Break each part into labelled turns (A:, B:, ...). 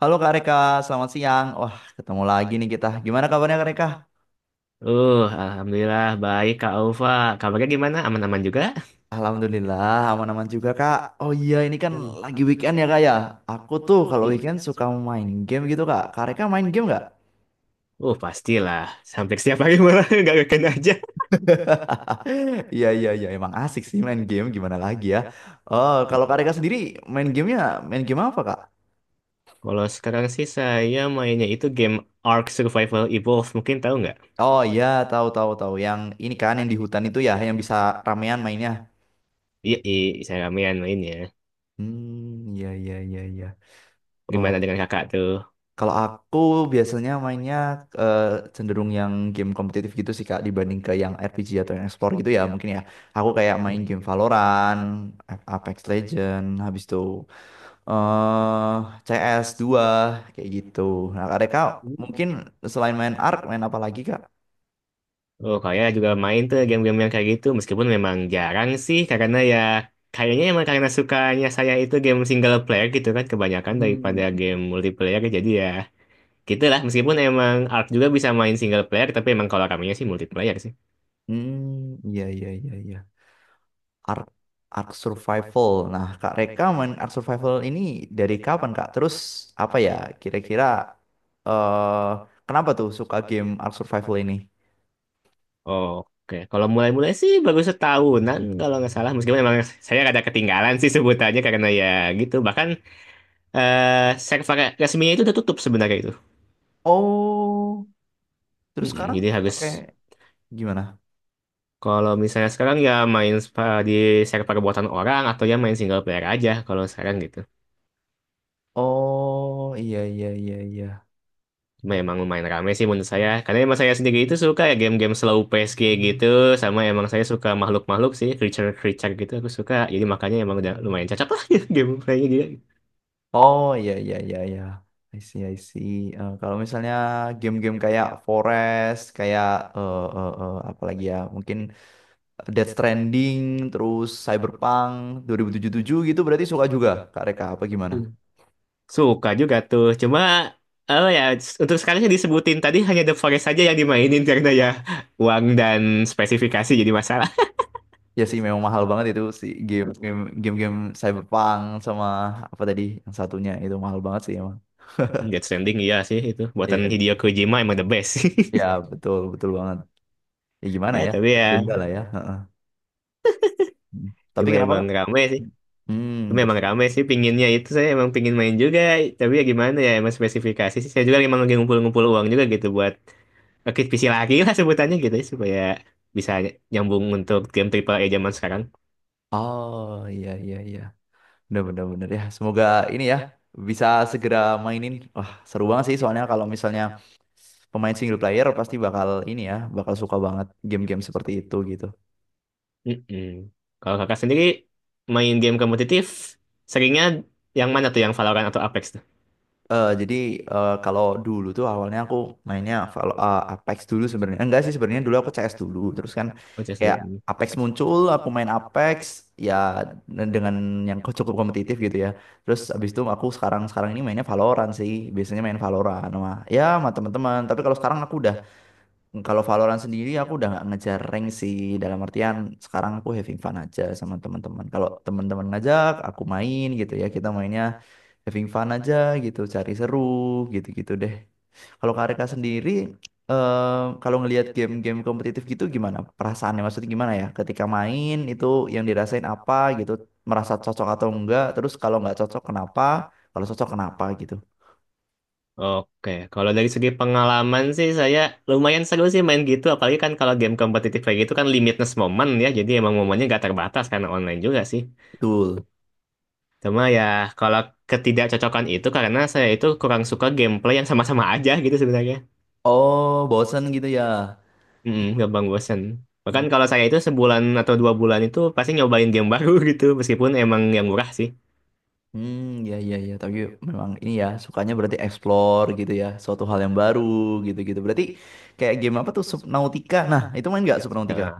A: Halo Kak Reka, selamat siang. Wah, ketemu lagi nih kita. Gimana kabarnya Kak Reka?
B: Uh, alhamdulillah baik Kak Alfa. Kabarnya gimana? Aman-aman juga?
A: Alhamdulillah, aman-aman juga Kak. Oh iya, ini kan
B: Hmm.
A: lagi weekend ya Kak ya. Aku tuh kalau
B: I-
A: weekend suka main game gitu Kak. Kak Reka main game nggak?
B: pastilah. Sampai setiap hari malah nggak ngeken aja.
A: Iya, iya, iya. Emang asik sih main game, gimana lagi ya. Oh, kalau Kak Reka sendiri main gamenya, main game apa Kak?
B: Kalau sekarang sih saya mainnya itu game Ark Survival Evolved. Mungkin tahu nggak?
A: Oh iya, tahu tahu tahu. Yang ini kan yang di hutan itu ya, yang bisa ramean mainnya.
B: Iya, saya ramean mainnya.
A: Hmm, iya, iya, iya, iya. Oh,
B: Gimana dengan kakak tuh?
A: kalau aku biasanya mainnya eh, cenderung yang game kompetitif gitu sih Kak, dibanding ke yang RPG atau yang explore gitu ya mungkin ya. Aku kayak
B: Hmm.
A: main game Valorant, Apex Legend, habis itu eh CS2 kayak gitu. Nah, Kak mungkin selain main Ark main apa lagi Kak?
B: Oh, saya juga main tuh game-game yang kayak gitu. Meskipun memang jarang sih, karena ya kayaknya emang karena sukanya saya itu game single player gitu kan kebanyakan daripada
A: Hmm.
B: game multiplayer. Jadi ya. Gitu lah, meskipun emang Ark juga bisa main single player, tapi emang kalau ramenya sih multiplayer sih.
A: Hmm, iya iya iya iya. Ark Ark Survival. Nah, Kak Reka main Ark Survival ini dari kapan, Kak? Terus apa ya, kira-kira eh kenapa tuh suka game Ark Survival ini?
B: Oke. Kalau mulai-mulai sih baru setahunan kalau nggak salah, meskipun emang saya rada ketinggalan sih sebutannya karena ya gitu. Bahkan server resminya itu udah tutup sebenarnya itu.
A: Oh, terus
B: Mm-mm,
A: sekarang
B: jadi harus
A: pakai gimana?
B: kalau misalnya sekarang ya main di server buatan orang atau ya main single player aja kalau sekarang gitu.
A: Oh, iya iya iya iya.
B: Memang lumayan rame sih menurut saya. Karena emang saya sendiri itu suka ya game-game slow pace kayak gitu. Sama emang saya suka makhluk-makhluk sih, creature-creature gitu aku suka. Jadi makanya emang udah lumayan cocok lah gameplaynya dia.
A: Oh, iya iya iya iya. I see, I see. Kalau misalnya game-game kayak Forest, kayak apa lagi ya? Mungkin Death Stranding, terus Cyberpunk 2077 gitu berarti suka juga Kak Reka apa gimana?
B: Hmm. Suka juga tuh. Cuma oh ya untuk sekarang yang disebutin tadi hanya The Forest saja yang dimainin karena ya uang dan spesifikasi jadi masalah.
A: Ya sih memang mahal banget itu, si game Cyberpunk sama apa tadi yang satunya, itu mahal banget sih emang.
B: Death Stranding iya sih itu. Buatan
A: Iya,
B: Hideo Kojima emang the best.
A: ya betul betul banget. Ya gimana
B: Ya,
A: ya?
B: tapi ya
A: Legenda lah ya. Heeh. Tapi
B: cuma
A: kenapa
B: emang
A: Kak?
B: rame sih.
A: Hmm. bet-
B: Memang rame sih pinginnya itu, saya emang pingin main juga, tapi ya gimana ya emang spesifikasi sih. Saya juga emang lagi ngumpul-ngumpul uang juga gitu buat rakit PC lagi lah sebutannya gitu ya, supaya bisa nyambung untuk game triple A zaman sekarang.
A: Oh iya iya iya. Bener, bener, bener ya. Semoga ini ya bisa segera mainin. Wah, seru banget sih soalnya, kalau misalnya pemain single player pasti bakal ini ya, bakal suka banget game-game seperti itu gitu.
B: Mm-mm. Kalau kakak sendiri main game kompetitif seringnya yang mana tuh, yang Valorant atau Apex tuh?
A: Jadi, kalau dulu tuh awalnya aku mainnya Apex dulu sebenarnya. Enggak sih sebenarnya dulu aku CS dulu. Terus kan
B: Oh, just
A: kayak
B: dulu. Hmm.
A: Apex muncul, aku main Apex ya dengan yang cukup kompetitif gitu ya. Terus abis itu aku sekarang sekarang ini mainnya Valorant sih. Biasanya main Valorant sama, ya sama teman-teman. Tapi kalau sekarang aku udah. Kalau Valorant sendiri aku udah nggak ngejar rank sih, dalam artian sekarang aku having fun aja sama teman-teman. Kalau teman-teman ngajak aku main gitu ya kita mainnya having fun aja, gitu cari seru gitu-gitu deh. Kalau Karika sendiri eh, kalau ngelihat game-game kompetitif gitu gimana perasaannya, maksudnya gimana ya ketika main itu, yang dirasain apa gitu, merasa cocok atau enggak, terus kalau nggak cocok kenapa, kalau cocok kenapa gitu.
B: Oke, kalau dari segi pengalaman sih saya lumayan seru sih main gitu, apalagi kan kalau game kompetitif kayak gitu kan limitless momen ya, jadi emang momennya gak terbatas karena online juga sih.
A: Betul.
B: Cuma ya kalau ketidakcocokan itu karena saya itu kurang suka gameplay yang sama-sama aja gitu sebenarnya.
A: Oh bosen gitu ya.
B: Mm, gampang bosen. Bahkan kalau saya itu sebulan atau dua bulan itu pasti nyobain game baru gitu meskipun emang yang murah sih.
A: Hmm, ya, ya, ya. Tapi memang ini ya, sukanya berarti explore gitu ya, suatu hal yang baru gitu-gitu. Berarti kayak game apa tuh, Subnautica? Nah, itu main nggak Subnautica?
B: Nah,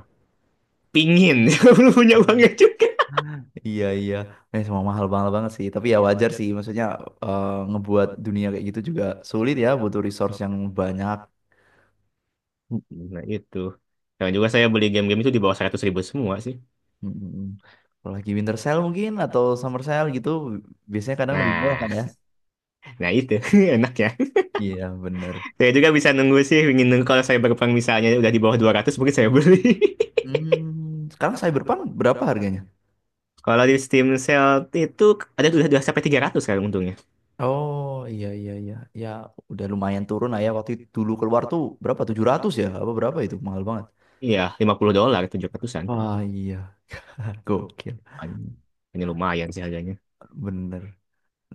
B: pingin belum punya banget juga.
A: Iya, iya. Semua mahal banget banget sih. Tapi ya wajar sih, maksudnya ngebuat dunia kayak gitu juga sulit ya, butuh resource yang banyak.
B: Mm, nah itu. Dan juga saya beli game-game itu di bawah 100.000 semua sih.
A: Hmm. Kalau lagi winter sale mungkin atau summer sale gitu, biasanya kadang lebih murah
B: Nah,
A: kan ya?
B: nah itu enak ya.
A: Iya, bener.
B: Saya juga bisa nunggu sih, ingin nunggu kalau saya berperang misalnya udah di bawah 200 mungkin saya beli.
A: Hmm, sekarang Cyberpunk berapa harganya?
B: Kalau di Steam Sale itu ada udah sampai 300 sekarang untungnya.
A: Oh iya iya iya, ya udah lumayan turun lah ya. Waktu itu dulu keluar tuh berapa, 700 ya apa berapa, itu mahal banget.
B: Iya, $50 700-an.
A: Wah iya, gokil
B: Anjing, ini lumayan sih harganya.
A: bener.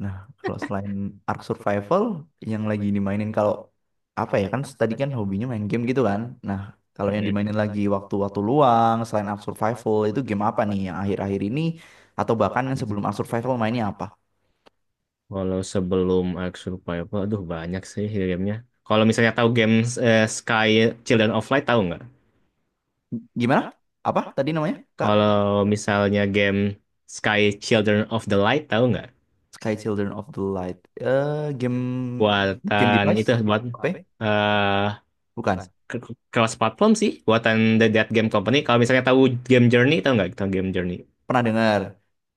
A: Nah, kalau selain Ark Survival yang lagi dimainin, kalau apa ya, kan tadi kan hobinya main game gitu kan, nah kalau yang
B: Mm-mm.
A: dimainin lagi waktu-waktu luang selain Ark Survival itu game apa nih yang akhir-akhir ini, atau bahkan yang
B: Mm.
A: sebelum Ark Survival mainnya apa?
B: Kalau sebelum Ark Survival, aduh banyak sih gamenya. Kalau misalnya tahu game Sky Children of Light tahu nggak?
A: Gimana, apa tadi namanya Kak?
B: Kalau misalnya game Sky Children of the Light tahu nggak?
A: Sky Children of the Light. Eh, game game
B: Buatan itu
A: device?
B: buat
A: Apa? Ya?
B: eh
A: Bukan.
B: cross platform sih, buatan The Dead Game Company. Kalau misalnya tahu game Journey tahu nggak? Tahu game Journey?
A: Pernah dengar.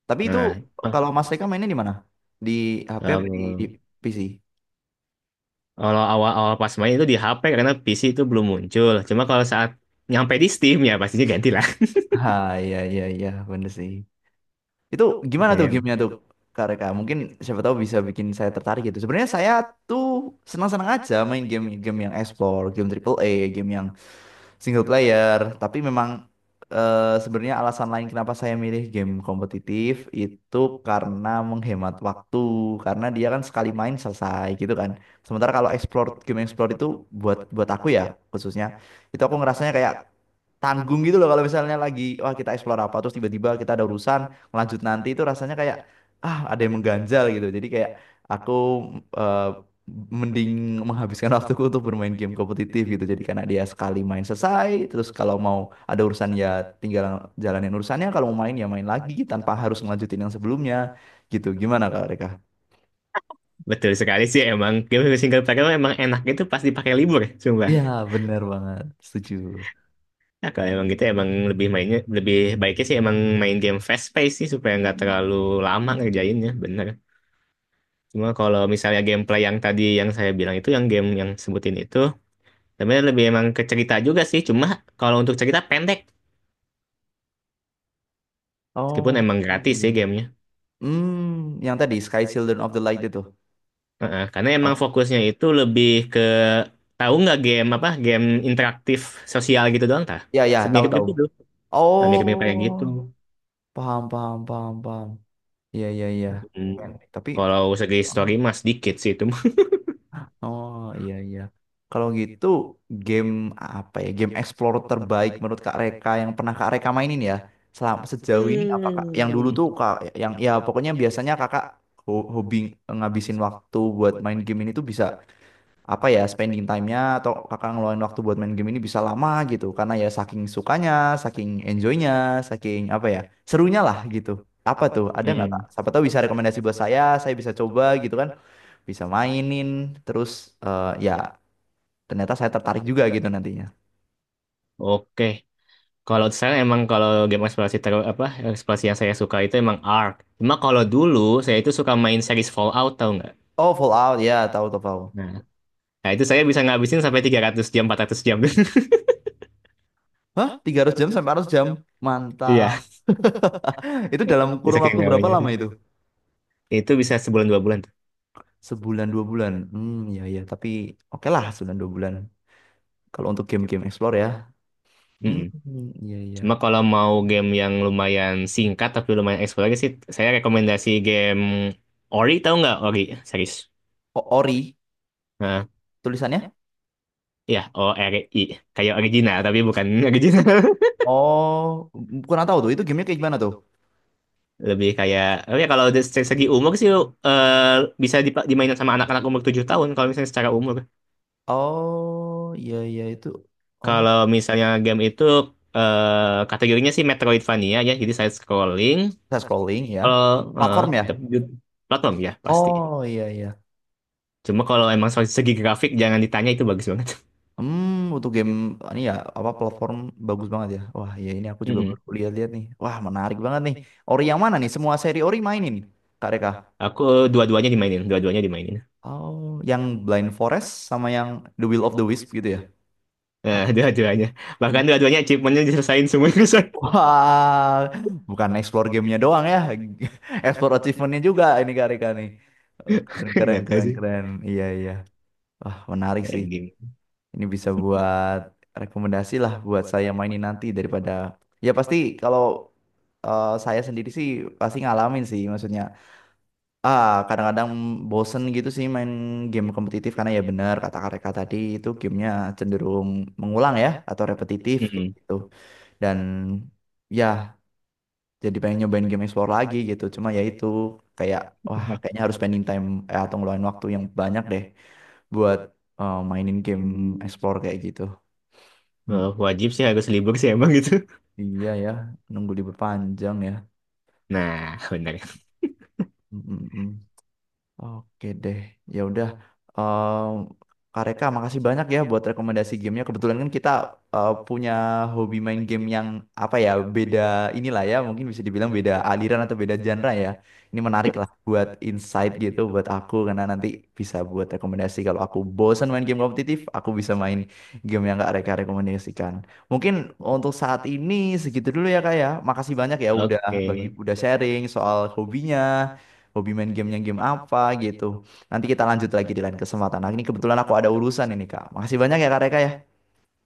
A: Tapi itu,
B: Nah, eh,
A: kalau Mas Eka mainnya di mana? Di HP apa di
B: tahu.
A: PC?
B: Kalau awal-awal pas main itu di HP karena PC itu belum muncul. Cuma kalau saat nyampe di Steam ya pastinya ganti lah.
A: Ah, iya iya iya bener sih. Itu gimana tuh
B: Ya,
A: gamenya tuh Kak Reka? Mungkin siapa tahu bisa bikin saya tertarik gitu. Sebenarnya saya tuh senang-senang aja main game-game yang explore, game triple A, game yang single player. Tapi memang sebenarnya alasan lain kenapa saya milih game kompetitif itu karena menghemat waktu. Karena dia kan sekali main selesai gitu kan. Sementara kalau explore, game explore itu buat buat aku ya khususnya, itu aku ngerasanya kayak tanggung gitu loh, kalau misalnya lagi wah kita explore apa terus tiba-tiba kita ada urusan, lanjut nanti, itu rasanya kayak ah ada yang mengganjal gitu. Jadi kayak aku eh, mending menghabiskan waktuku untuk bermain game kompetitif gitu, jadi karena dia sekali main selesai, terus kalau mau ada urusan ya tinggal jalanin urusannya, kalau mau main ya main lagi tanpa harus ngelanjutin yang sebelumnya gitu. Gimana Kak Reka?
B: betul sekali sih emang game single player tuh emang enak itu pas dipakai libur, sumpah.
A: Iya bener banget, setuju.
B: Ya, kalau emang gitu emang lebih mainnya lebih baiknya sih emang main game fast pace sih supaya nggak terlalu lama ngerjainnya, bener. Cuma kalau misalnya gameplay yang tadi yang saya bilang itu yang game yang sebutin itu sebenarnya lebih emang ke cerita juga sih. Cuma kalau untuk cerita pendek, meskipun
A: Oh
B: emang gratis
A: iya.
B: sih gamenya.
A: Hmm, yang tadi Sky Children of the Light itu.
B: Heeh, karena emang
A: Oh.
B: fokusnya itu lebih ke tahu nggak game apa, game interaktif sosial gitu doang tah?
A: Ya, ya, tahu
B: Mirip-mirip
A: tahu.
B: gitu. Nah, mirip-mirip
A: Oh,
B: kayak gitu.
A: paham, paham, paham, paham. Iya, iya, iya. Keren.
B: Hmm.
A: Tapi,
B: Kalau segi story mas dikit sih itu mah.
A: oh iya, iya. Kalau gitu, game apa ya? Game Explorer terbaik menurut Kak Reka yang pernah Kak Reka mainin ya? Selama sejauh ini apa Kak? Yang dulu
B: Hmm.
A: tuh Kak, yang ya pokoknya biasanya Kakak hobi ngabisin waktu buat main game ini tuh bisa, apa ya, spending time-nya, atau kakak ngeluarin waktu buat main game ini bisa lama gitu karena ya saking sukanya, saking enjoy-nya, saking apa ya serunya lah gitu. Apa tuh? Ada nggak Kak?
B: Hmm.
A: Siapa tahu bisa rekomendasi buat saya bisa coba gitu kan, bisa mainin, terus ya ternyata saya tertarik juga gitu nantinya.
B: Oke. Kalau saya emang kalau game eksplorasi terus apa eksplorasi yang saya suka itu emang Ark. Cuma kalau dulu saya itu suka main series Fallout tahu nggak?
A: Oh Fallout ya, tahu tahu, tahu.
B: Nah, nah itu saya bisa ngabisin sampai 300 jam, 400 jam.
A: 300 jam sampai 400 jam, mantap.
B: Iya,
A: Itu dalam
B: bisa
A: kurun
B: kayak
A: waktu
B: nggak
A: berapa lama
B: sih.
A: itu?
B: Itu bisa sebulan dua bulan tuh.
A: Sebulan dua bulan. Hmm ya ya, tapi oke lah, sebulan dua bulan. Kalau untuk game-game explore ya.
B: Hmm.
A: Hmm, iya iya.
B: Cuma kalau mau game yang lumayan singkat tapi lumayan eksplorasi sih, saya rekomendasi game Ori tahu nggak Ori serius?
A: Ori
B: Nah,
A: tulisannya?
B: ya O R I kayak original tapi bukan original.
A: Oh, kurang tahu tuh. Itu gamenya kayak gimana tuh?
B: Lebih kayak oh ya kalau dari segi umur sih, eh, bisa dimainin sama anak-anak umur 7 tahun kalau misalnya secara umur.
A: Oh, iya iya itu. Oh,
B: Kalau misalnya game itu kategorinya sih Metroidvania ya, jadi side scrolling.
A: saya scrolling ya.
B: Kalau eh,
A: Platform ya?
B: tapi platform ya pasti.
A: Oh, iya iya.
B: Cuma kalau emang soal segi grafik jangan ditanya itu bagus banget.
A: Hmm, untuk game ini ya, apa platform, bagus banget ya. Wah, ya ini aku juga baru lihat-lihat nih. Wah, menarik banget nih. Ori yang mana nih? Semua seri Ori mainin, Kak Reka?
B: Aku dua-duanya dimainin, dua-duanya dimainin.
A: Oh, yang Blind Forest sama yang The Will of the Wisp gitu ya?
B: Nah, dua-duanya. Bahkan dua-duanya achievementnya diselesain semua itu.
A: Wah, bukan explore gamenya doang ya, explore achievementnya juga ini Kak Rika nih. Oh, keren, keren,
B: Gak tahu
A: keren,
B: sih.
A: keren. Iya, iya. Wah, menarik
B: Kayak
A: sih.
B: gini.
A: Ini bisa buat rekomendasi lah buat saya mainin nanti daripada... Ya pasti kalau saya sendiri sih pasti ngalamin sih maksudnya. Ah, kadang-kadang bosen gitu sih main game kompetitif, karena ya bener kata Kak Rika tadi, itu gamenya cenderung mengulang ya atau repetitif kayak
B: Mm-mm.
A: gitu. Dan... ya, jadi pengen nyobain game explore lagi gitu, cuma ya itu kayak wah kayaknya harus spending time, atau ngeluarin waktu yang banyak deh buat mainin game explore kayak gitu. Hmm,
B: Wajib sih harus libur sih emang gitu.
A: iya ya, nunggu libur panjang ya.
B: Nah, benar.
A: Mm, mm, mm. Oke deh, ya udah. Em, Kak Reka, makasih banyak ya buat rekomendasi gamenya. Kebetulan kan kita punya hobi main game yang apa ya, beda inilah ya, mungkin bisa dibilang beda aliran atau beda genre ya. Ini menarik lah buat insight gitu buat aku, karena nanti bisa buat rekomendasi. Kalau aku bosan main game kompetitif, aku bisa main game yang Kak Reka rekomendasikan. Mungkin untuk saat ini segitu dulu ya Kak ya. Makasih banyak ya udah bagi,
B: Oke.
A: udah sharing soal hobinya, hobi main gamenya game apa gitu. Nanti kita lanjut lagi di lain kesempatan. Nah, ini kebetulan aku ada urusan ini, Kak. Makasih banyak ya, Kak Reka ya.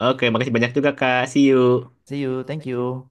B: Oke, makasih banyak juga Kak. See you.
A: See you, thank you.